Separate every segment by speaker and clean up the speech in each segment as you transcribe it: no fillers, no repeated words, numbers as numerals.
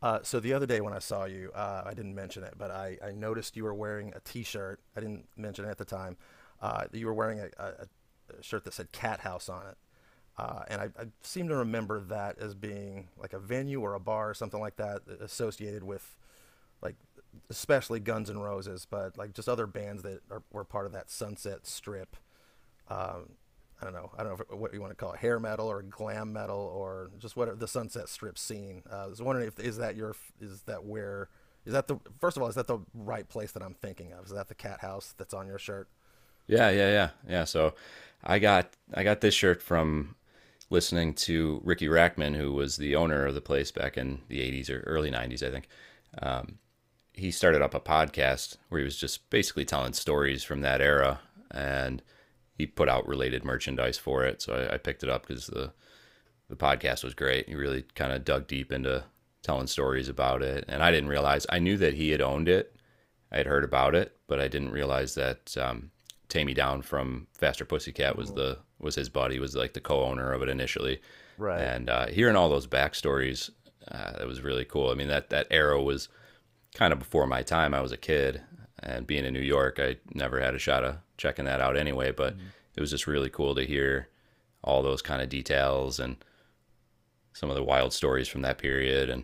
Speaker 1: So the other day when I saw you, I didn't mention it, but I noticed you were wearing a T-shirt. I didn't mention it at the time. You were wearing a shirt that said Cat House on it, and I seem to remember that as being like a venue or a bar or something like that associated with like especially Guns N' Roses, but like just other bands were part of that Sunset Strip. um, I don't know. I don't know if, what you want to call it, hair metal or glam metal or just what the Sunset Strip scene. I was wondering if is that your is that where is that the first of all, is that the right place that I'm thinking of? Is that the cat house that's on your shirt?
Speaker 2: Yeah, yeah, yeah, yeah. So I got this shirt from listening to Ricky Rackman, who was the owner of the place back in the '80s or early '90s, I think. He started up a podcast where he was just basically telling stories from that era, and he put out related merchandise for it. So I picked it up because the podcast was great. He really kind of dug deep into telling stories about it, and I didn't realize I knew that he had owned it I had heard about it, but I didn't realize that Tammy Down from Faster Pussycat was
Speaker 1: Mm-hmm.
Speaker 2: the was his buddy, was like the co-owner of it initially.
Speaker 1: Right.
Speaker 2: And hearing all those backstories, that was really cool. I mean, that era was kind of before my time. I was a kid, and being in New York, I never had a shot of checking that out anyway. But
Speaker 1: Mm-hmm.
Speaker 2: it was just really cool to hear all those kind of details and some of the wild stories from that period. And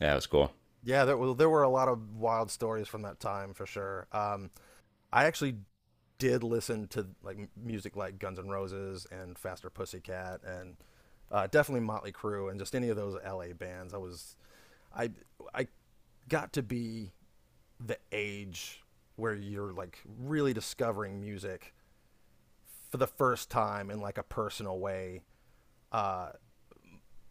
Speaker 2: yeah, it was cool.
Speaker 1: Yeah, there were a lot of wild stories from that time for sure. I actually did listen to like music like Guns N' Roses and Faster Pussycat and definitely Motley Crue and just any of those LA bands. I was I I got to be the age where you're like really discovering music for the first time in like a personal way.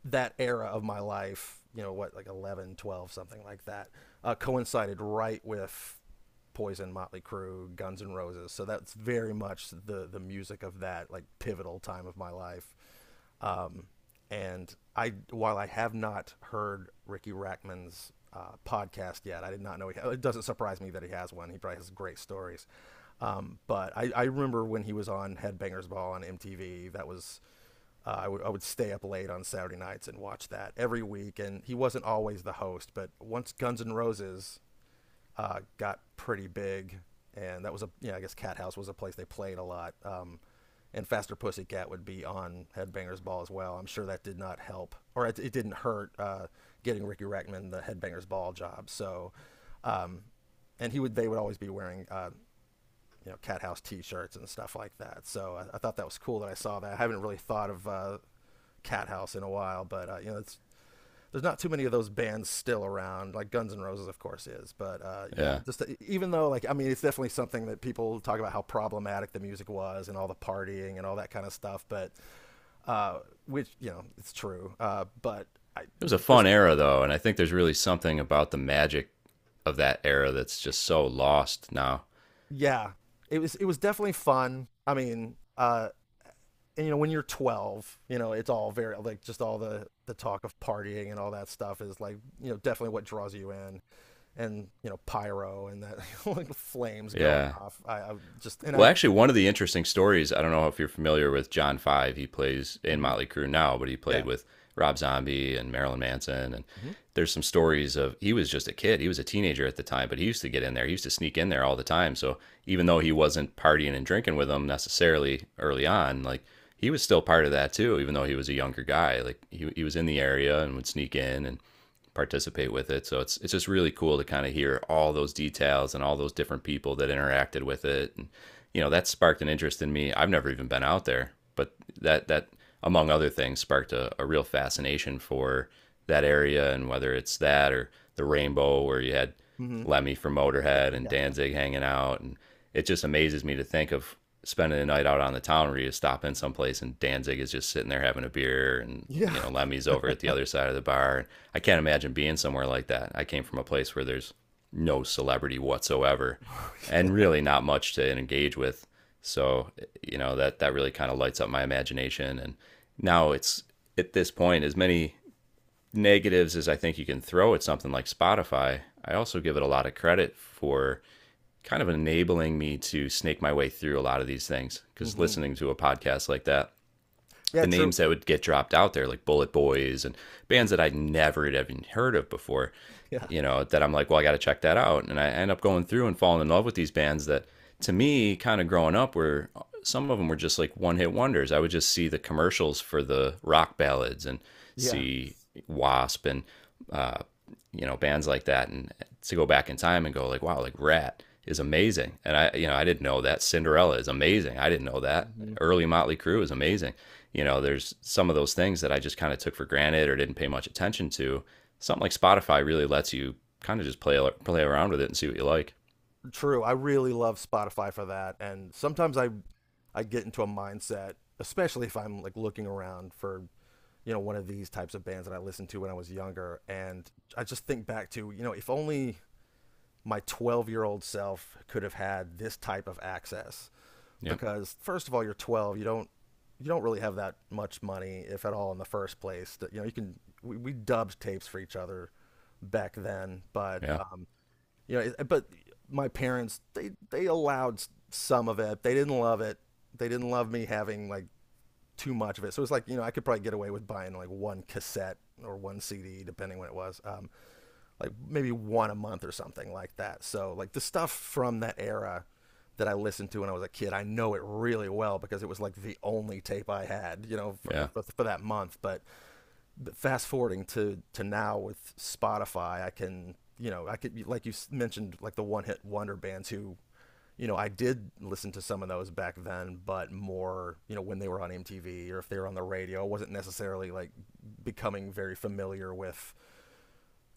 Speaker 1: That era of my life, you know, what like 11, 12, something like that, coincided right with Poison, Motley Crue, Guns N' Roses. So that's very much the music of that like pivotal time of my life. Um, and I, while I have not heard Ricky Rackman's podcast yet, I did not know he. Had, It doesn't surprise me that he has one. He probably has great stories. But I remember when he was on Headbangers Ball on MTV. That was I would stay up late on Saturday nights and watch that every week. And he wasn't always the host, but once Guns N' Roses got pretty big, and that was a yeah. I guess Cat House was a place they played a lot. And Faster Pussycat would be on Headbangers Ball as well. I'm sure that did not help, or it didn't hurt getting Ricky Rackman the Headbangers Ball job. So, um, and he would they would always be wearing you know, Cat House T-shirts and stuff like that. So I thought that was cool that I saw that. I haven't really thought of Cat House in a while, but you know, it's there's not too many of those bands still around. Like Guns N' Roses, of course, is, but yeah,
Speaker 2: Yeah.
Speaker 1: just even though like I mean, it's definitely something that people talk about, how problematic the music was and all the partying and all that kind of stuff. But uh, which you know, it's true. But I
Speaker 2: It was a
Speaker 1: just
Speaker 2: fun era though, and I think there's really something about the magic of that era that's just so lost now.
Speaker 1: Yeah, it was definitely fun. I mean, and you know, when you're 12, you know, it's all very like just all the talk of partying and all that stuff is like you know definitely what draws you in. And you know, pyro and that like flames going
Speaker 2: Yeah.
Speaker 1: off. I just and I
Speaker 2: Well, actually, one of the interesting stories, I don't know if you're familiar with John Five. He plays in
Speaker 1: Mhm,
Speaker 2: Motley Crue now, but he played
Speaker 1: yeah.
Speaker 2: with Rob Zombie and Marilyn Manson. And
Speaker 1: Hmm.
Speaker 2: there's some stories of he was just a kid. He was a teenager at the time, but he used to get in there. He used to sneak in there all the time. So even though he wasn't partying and drinking with them necessarily early on, like he was still part of that too, even though he was a younger guy. Like he was in the area and would sneak in and participate with it. So it's just really cool to kind of hear all those details and all those different people that interacted with it. And you know, that sparked an interest in me. I've never even been out there, but that among other things sparked a real fascination for that area, and whether it's that or the rainbow where you had
Speaker 1: Hmm.
Speaker 2: Lemmy from Motorhead and
Speaker 1: Yeah.
Speaker 2: Danzig hanging out. And it just amazes me to think of spending the night out on the town where you stop in someplace and Danzig is just sitting there having a beer and, you
Speaker 1: Yeah.
Speaker 2: know, Lemmy's over at the other side of the bar. I can't imagine being somewhere like that. I came from a place where there's no celebrity whatsoever and really not much to engage with. So, you know, that really kind of lights up my imagination. And now it's at this point, as many negatives is I think you can throw at something like Spotify. I also give it a lot of credit for kind of enabling me to snake my way through a lot of these things because
Speaker 1: Hmm.
Speaker 2: listening to a podcast like that
Speaker 1: Yeah,
Speaker 2: the
Speaker 1: true.
Speaker 2: names that would get dropped out there, like Bullet Boys and bands that I'd never had even heard of before,
Speaker 1: Yeah,
Speaker 2: you know, that I'm like, well, I got to check that out. And I end up going through and falling in love with these bands that, to me, kind of growing up, were some of them were just like one hit wonders. I would just see the commercials for the rock ballads and
Speaker 1: yeah.
Speaker 2: see Wasp and uh, you know, bands like that, and to go back in time and go like wow, like Rat is amazing, and I you know I didn't know that Cinderella is amazing, I didn't know that
Speaker 1: Hmm.
Speaker 2: early Motley Crue is amazing. You know, there's some of those things that I just kind of took for granted or didn't pay much attention to. Something like Spotify really lets you kind of just play around with it and see what you like.
Speaker 1: True. I really love Spotify for that, and sometimes I get into a mindset, especially if I'm like looking around for you know one of these types of bands that I listened to when I was younger, and I just think back to you know if only my 12-year-old self could have had this type of access,
Speaker 2: Yep.
Speaker 1: because first of all, you're 12. You don't really have that much money, if at all, in the first place. That you know, you can we dubbed tapes for each other back then, but
Speaker 2: Yeah,
Speaker 1: you know, it- but my parents, they allowed some of it. They didn't love it. They didn't love me having like too much of it. So it's like you know, I could probably get away with buying like one cassette or one CD, depending when it was. Like maybe one a month or something like that. So like the stuff from that era that I listened to when I was a kid, I know it really well because it was like the only tape I had, you know,
Speaker 2: yeah.
Speaker 1: for that month. But fast forwarding to now with Spotify, I can, you know, I could, like you mentioned, like the one hit wonder bands who you know, I did listen to some of those back then, but more, you know, when they were on MTV or if they were on the radio, I wasn't necessarily like becoming very familiar with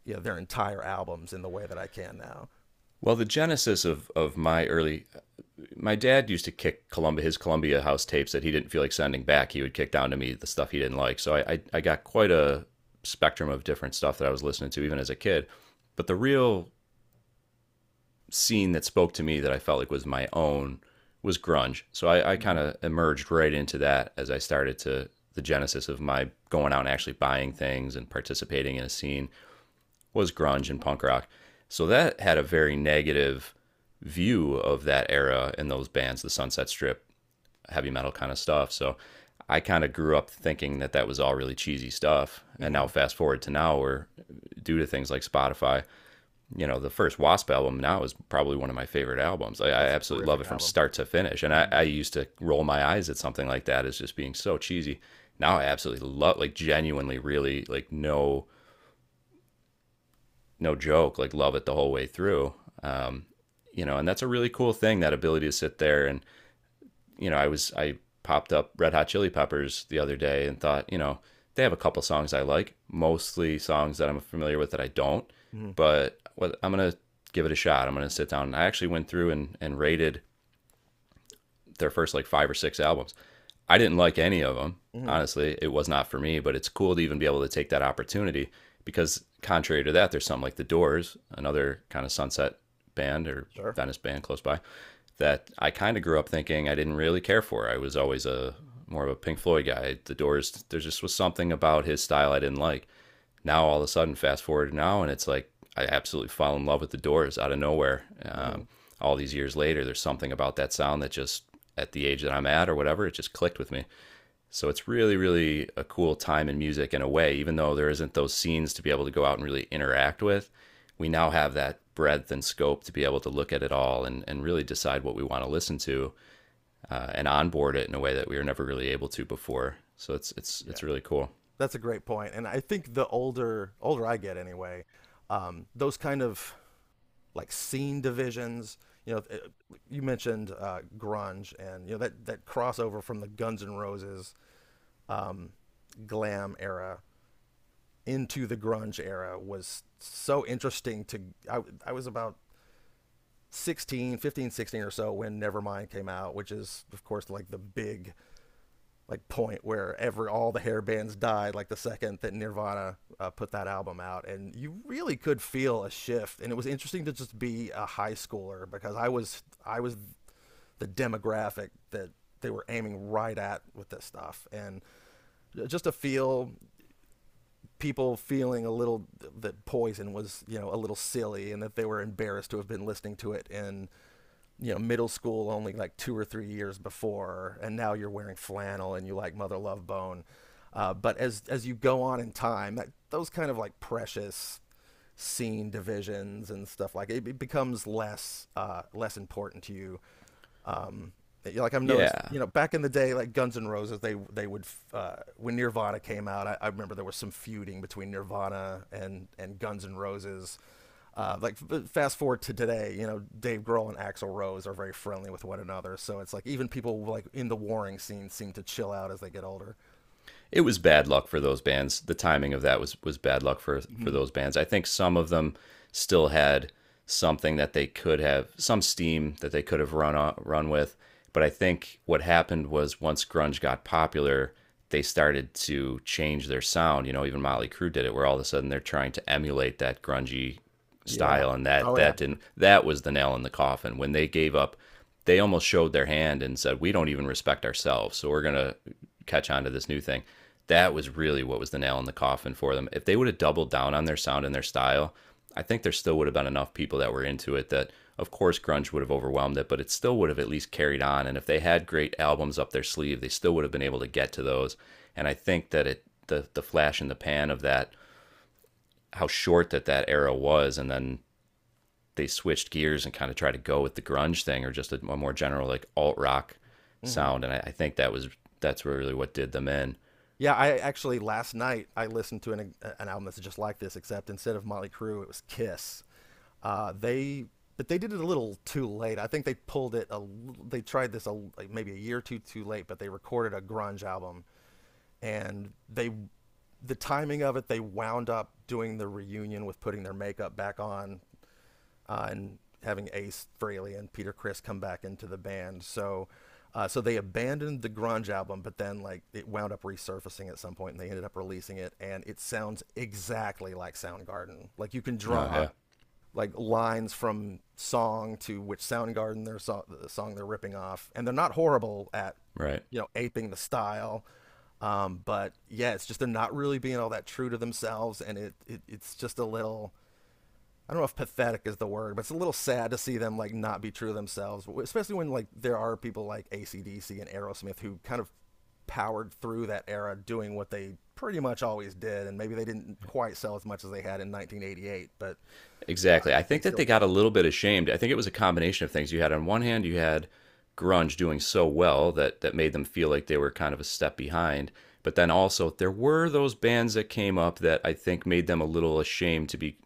Speaker 1: you know, their entire albums in the way that I can now.
Speaker 2: Well, the genesis of my early my dad used to kick Columbia his Columbia House tapes that he didn't feel like sending back. He would kick down to me the stuff he didn't like. So I got quite a spectrum of different stuff that I was listening to even as a kid. But the real scene that spoke to me that I felt like was my own was grunge. So I kind
Speaker 1: Mm-hmm.
Speaker 2: of emerged right into that as I started to the genesis of my going out and actually buying things and participating in a scene was grunge and punk rock. So that had a very negative view of that era and those bands, the Sunset Strip, heavy metal kind of stuff. So I kind of grew up thinking that that was all really cheesy stuff. And now
Speaker 1: Mm-hmm.
Speaker 2: fast forward to now where due to things like Spotify, you know, the first Wasp album now is probably one of my favorite albums. I
Speaker 1: That's a
Speaker 2: absolutely love
Speaker 1: terrific
Speaker 2: it from
Speaker 1: album.
Speaker 2: start to finish. And I,
Speaker 1: Mm-hmm.
Speaker 2: I used to roll my eyes at something like that as just being so cheesy. Now I absolutely love, like genuinely really like no no joke, like love it the whole way through. Um, you know, and that's a really cool thing, that ability to sit there and you know, I popped up Red Hot Chili Peppers the other day and thought, you know, they have a couple songs I like, mostly songs that I'm familiar with that I don't,
Speaker 1: Mm-hmm.
Speaker 2: but I'm gonna give it a shot. I'm gonna sit down and I actually went through and rated their first like five or six albums. I didn't like any of them.
Speaker 1: Mm-hmm.
Speaker 2: Honestly, it was not for me, but it's cool to even be able to take that opportunity because contrary to that, there's something like The Doors, another kind of sunset band or
Speaker 1: Sure.
Speaker 2: Venice band close by that I kind of grew up thinking I didn't really care for. I was always a more of a Pink Floyd guy. The Doors, there just was something about his style I didn't like now all of a sudden, fast forward to now, and it's like I absolutely fell in love with the Doors out of nowhere.
Speaker 1: Mm-hmm.
Speaker 2: All these years later, there's something about that sound that just at the age that I'm at or whatever, it just clicked with me. So it's really, really a cool time in music in a way, even though there isn't those scenes to be able to go out and really interact with. We now have that breadth and scope to be able to look at it all and really decide what we want to listen to and onboard it in a way that we were never really able to before. So it's it's
Speaker 1: Yeah,
Speaker 2: it's really cool.
Speaker 1: that's a great point. And I think the older I get, anyway, those kind of like scene divisions. You know, you mentioned grunge, and you know that crossover from the Guns N' Roses um, glam era into the grunge era was so interesting. I, I was about 16, 15, 16 or so when Nevermind came out, which is of course like the big like point where every all the hair bands died like the second that Nirvana put that album out, and you really could feel a shift. And it was interesting to just be a high schooler, because I was the demographic that they were aiming right at with this stuff, and just to feel people feeling a little that Poison was you know a little silly and that they were embarrassed to have been listening to it in you know middle school only like 2 or 3 years before, and now you're wearing flannel and you like Mother Love Bone. But as you go on in time, that, those kind of like precious scene divisions and stuff like it becomes less less important to you. um, like I've noticed,
Speaker 2: Yeah,
Speaker 1: you know, back in the day, like Guns N' Roses, they would when Nirvana came out, I remember there was some feuding between Nirvana and Guns N' Roses. Uh, like Fast forward to today, you know, Dave Grohl and Axl Rose are very friendly with one another, so it's like even people like in the warring scene seem to chill out as they get older.
Speaker 2: it was bad luck for those bands. The timing of that was bad luck for
Speaker 1: Hmm.
Speaker 2: those bands. I think some of them still had something that they could have some steam that they could have run on, run with, but I think what happened was once grunge got popular, they started to change their sound. You know, even
Speaker 1: Hmm.
Speaker 2: Motley Crue did it, where all of a sudden they're trying to emulate that grungy
Speaker 1: Yeah.
Speaker 2: style, and that
Speaker 1: Oh yeah.
Speaker 2: that didn't that was the nail in the coffin when they gave up they almost showed their hand and said, "We don't even respect ourselves, so we're gonna catch on to this new thing." That was really what was the nail in the coffin for them. If they would have doubled down on their sound and their style, I think there still would have been enough people that were into it that, of course, grunge would have overwhelmed it, but it still would have at least carried on. And if they had great albums up their sleeve, they still would have been able to get to those. And I think that it the flash in the pan of that how short that era was, and then they switched gears and kind of tried to go with the grunge thing or just a more general like alt rock
Speaker 1: Hmm.
Speaker 2: sound. And I think that was that's really what did them in.
Speaker 1: Yeah, I actually last night I listened to an album that's just like this, except instead of Motley Crue, it was Kiss. Uh, they they did it a little too late. I think they pulled it. A, l- they tried this a, Like maybe a year or two too late, but they recorded a grunge album, and they, the timing of it, they wound up doing the reunion with putting their makeup back on and having Ace Frehley and Peter Criss come back into the band. So, they abandoned the grunge album, but then like it wound up resurfacing at some point, and they ended up releasing it, and it sounds exactly like Soundgarden. Like you can
Speaker 2: Oh
Speaker 1: draw
Speaker 2: yeah,
Speaker 1: like lines from song to which Soundgarden the song they're ripping off, and they're not horrible at
Speaker 2: right.
Speaker 1: you know aping the style. But yeah, it's just they're not really being all that true to themselves, and it's just a little. I don't know if pathetic is the word, but it's a little sad to see them like not be true to themselves, especially when like there are people like AC/DC and Aerosmith who kind of powered through that era doing what they pretty much always did, and maybe they didn't quite sell as much as they had in 1988, but
Speaker 2: Exactly. I
Speaker 1: they
Speaker 2: think that
Speaker 1: still
Speaker 2: they got a little bit ashamed. I think it was a combination of things. You had on one hand, you had grunge doing so well that that made them feel like they were kind of a step behind. But then also there were those bands that came up that I think made them a little ashamed to be.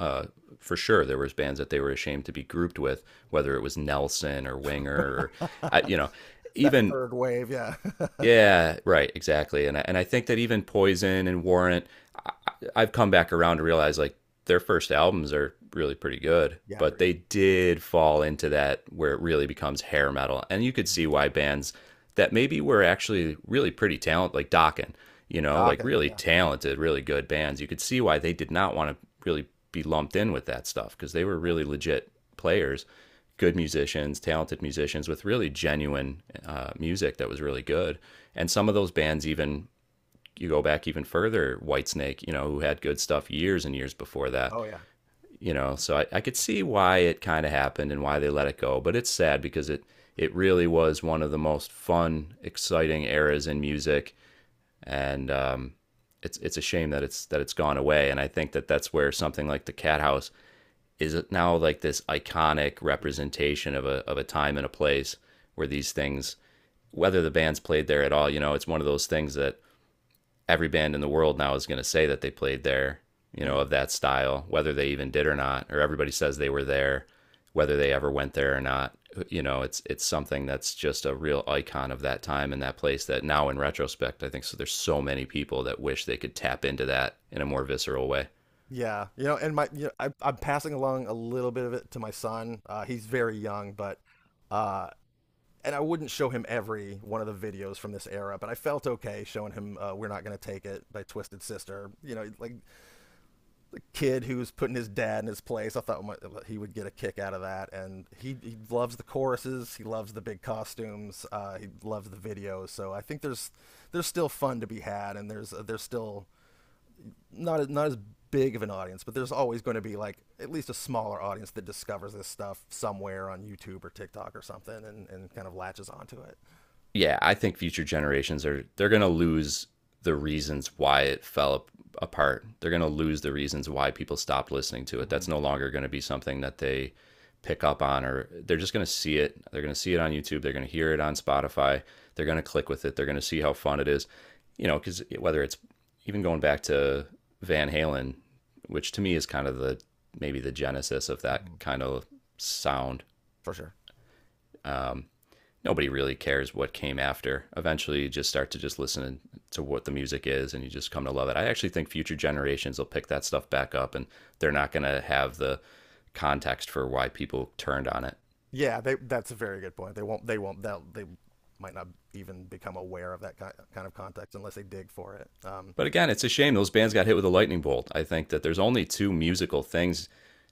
Speaker 2: Uh, for sure, there was bands that they were ashamed to be grouped with, whether it was Nelson or Winger or, you know,
Speaker 1: that
Speaker 2: even
Speaker 1: third wave. Yeah,
Speaker 2: yeah, right, exactly. And I think that even Poison and Warrant, I, I've come back around to realize like their first albums are really pretty good,
Speaker 1: yeah, I
Speaker 2: but
Speaker 1: agree.
Speaker 2: they did fall into that where it really becomes hair metal. And you could
Speaker 1: Mhm.
Speaker 2: see why bands that maybe were actually really pretty talented, like Dokken, you know, like
Speaker 1: Dokken.
Speaker 2: really
Speaker 1: Yeah.
Speaker 2: talented, really good bands, you could see why they did not want to really be lumped in with that stuff because they were really legit players, good musicians, talented musicians with really genuine music that was really good. And some of those bands, even you go back even further, Whitesnake, you know, who had good stuff years and years before that,
Speaker 1: Oh yeah.
Speaker 2: you know. So I could see why it kind of happened and why they let it go. But it's sad because it really was one of the most fun, exciting eras in music, and it's a shame that it's gone away. And I think that that's where something like the Cat House is it now like this iconic
Speaker 1: Yeah.
Speaker 2: representation of a time and a place where these things, whether the band's played there at all, you know, it's one of those things that every band in the world now is going to say that they played there, you know, of
Speaker 1: Mm.
Speaker 2: that style, whether they even did or not, or everybody says they were there, whether they ever went there or not. You know, it's something that's just a real icon of that time and that place that now in retrospect, I think so there's so many people that wish they could tap into that in a more visceral way.
Speaker 1: Yeah. You know, and my you know, I'm passing along a little bit of it to my son. He's very young, but uh, and I wouldn't show him every one of the videos from this era, but I felt okay showing him "We're Not Gonna Take It" by Twisted Sister. You know, like the kid who was putting his dad in his place. I thought he would get a kick out of that, and he loves the choruses. He loves the big costumes. He loves the videos. So I think there's still fun to be had, and there's still not as big of an audience, but there's always going to be like at least a smaller audience that discovers this stuff somewhere on YouTube or TikTok or something, and kind of latches onto it.
Speaker 2: Yeah, I think future generations are they're going to lose the reasons why it fell apart. They're going to lose the reasons why people stopped listening to it.
Speaker 1: Mm-hmm.
Speaker 2: That's no longer going to be something that they pick up on or they're just going to see it. They're going to see it on YouTube, they're going to hear it on Spotify, they're going to click with it, they're going to see how fun it is. You know, cuz whether it's even going back to Van Halen, which to me is kind of the maybe the genesis of that
Speaker 1: Mm-hmm.
Speaker 2: kind of sound.
Speaker 1: For sure.
Speaker 2: Um Nobody really cares what came after. Eventually, you just start to just listen to what the music is, and you just come to love it. I actually think future generations will pick that stuff back up, and they're not going to have the context for why people turned on it.
Speaker 1: Yeah, they, that's a very good point. They won't. They won't. They might not even become aware of that kind of context unless they dig for it.
Speaker 2: But again, it's a shame those bands got hit with a lightning bolt. I think that there's only two musical things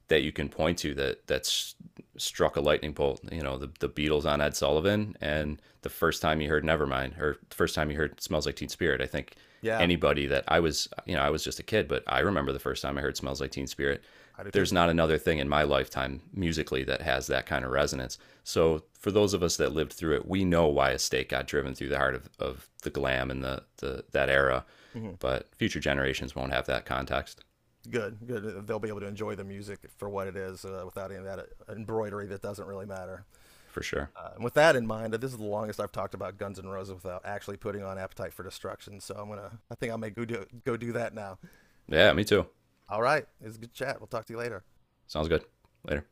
Speaker 2: that you can point to that that's struck a lightning bolt. You know, the Beatles on Ed Sullivan,
Speaker 1: Mhm.
Speaker 2: and the first time you heard Nevermind, or the first time you heard Smells Like Teen Spirit. I think
Speaker 1: Yeah,
Speaker 2: anybody that I was, you know, I was just a kid, but I remember the first time I heard Smells Like Teen Spirit.
Speaker 1: I do too.
Speaker 2: There's not another thing in my lifetime musically that has that kind of resonance. So for those of us that lived through it, we know why a stake got driven through the heart of the glam and the that era.
Speaker 1: Hmm.
Speaker 2: But future generations won't have that context
Speaker 1: Good, good. They'll be able to enjoy the music for what it is without any of that embroidery that doesn't really matter.
Speaker 2: for sure.
Speaker 1: And with that in mind, this is the longest I've talked about Guns N' Roses without actually putting on Appetite for Destruction. So I'm gonna. I think I may go do that now.
Speaker 2: Yeah, me too.
Speaker 1: All right, it's a good chat. We'll talk to you later.
Speaker 2: Sounds good. Later.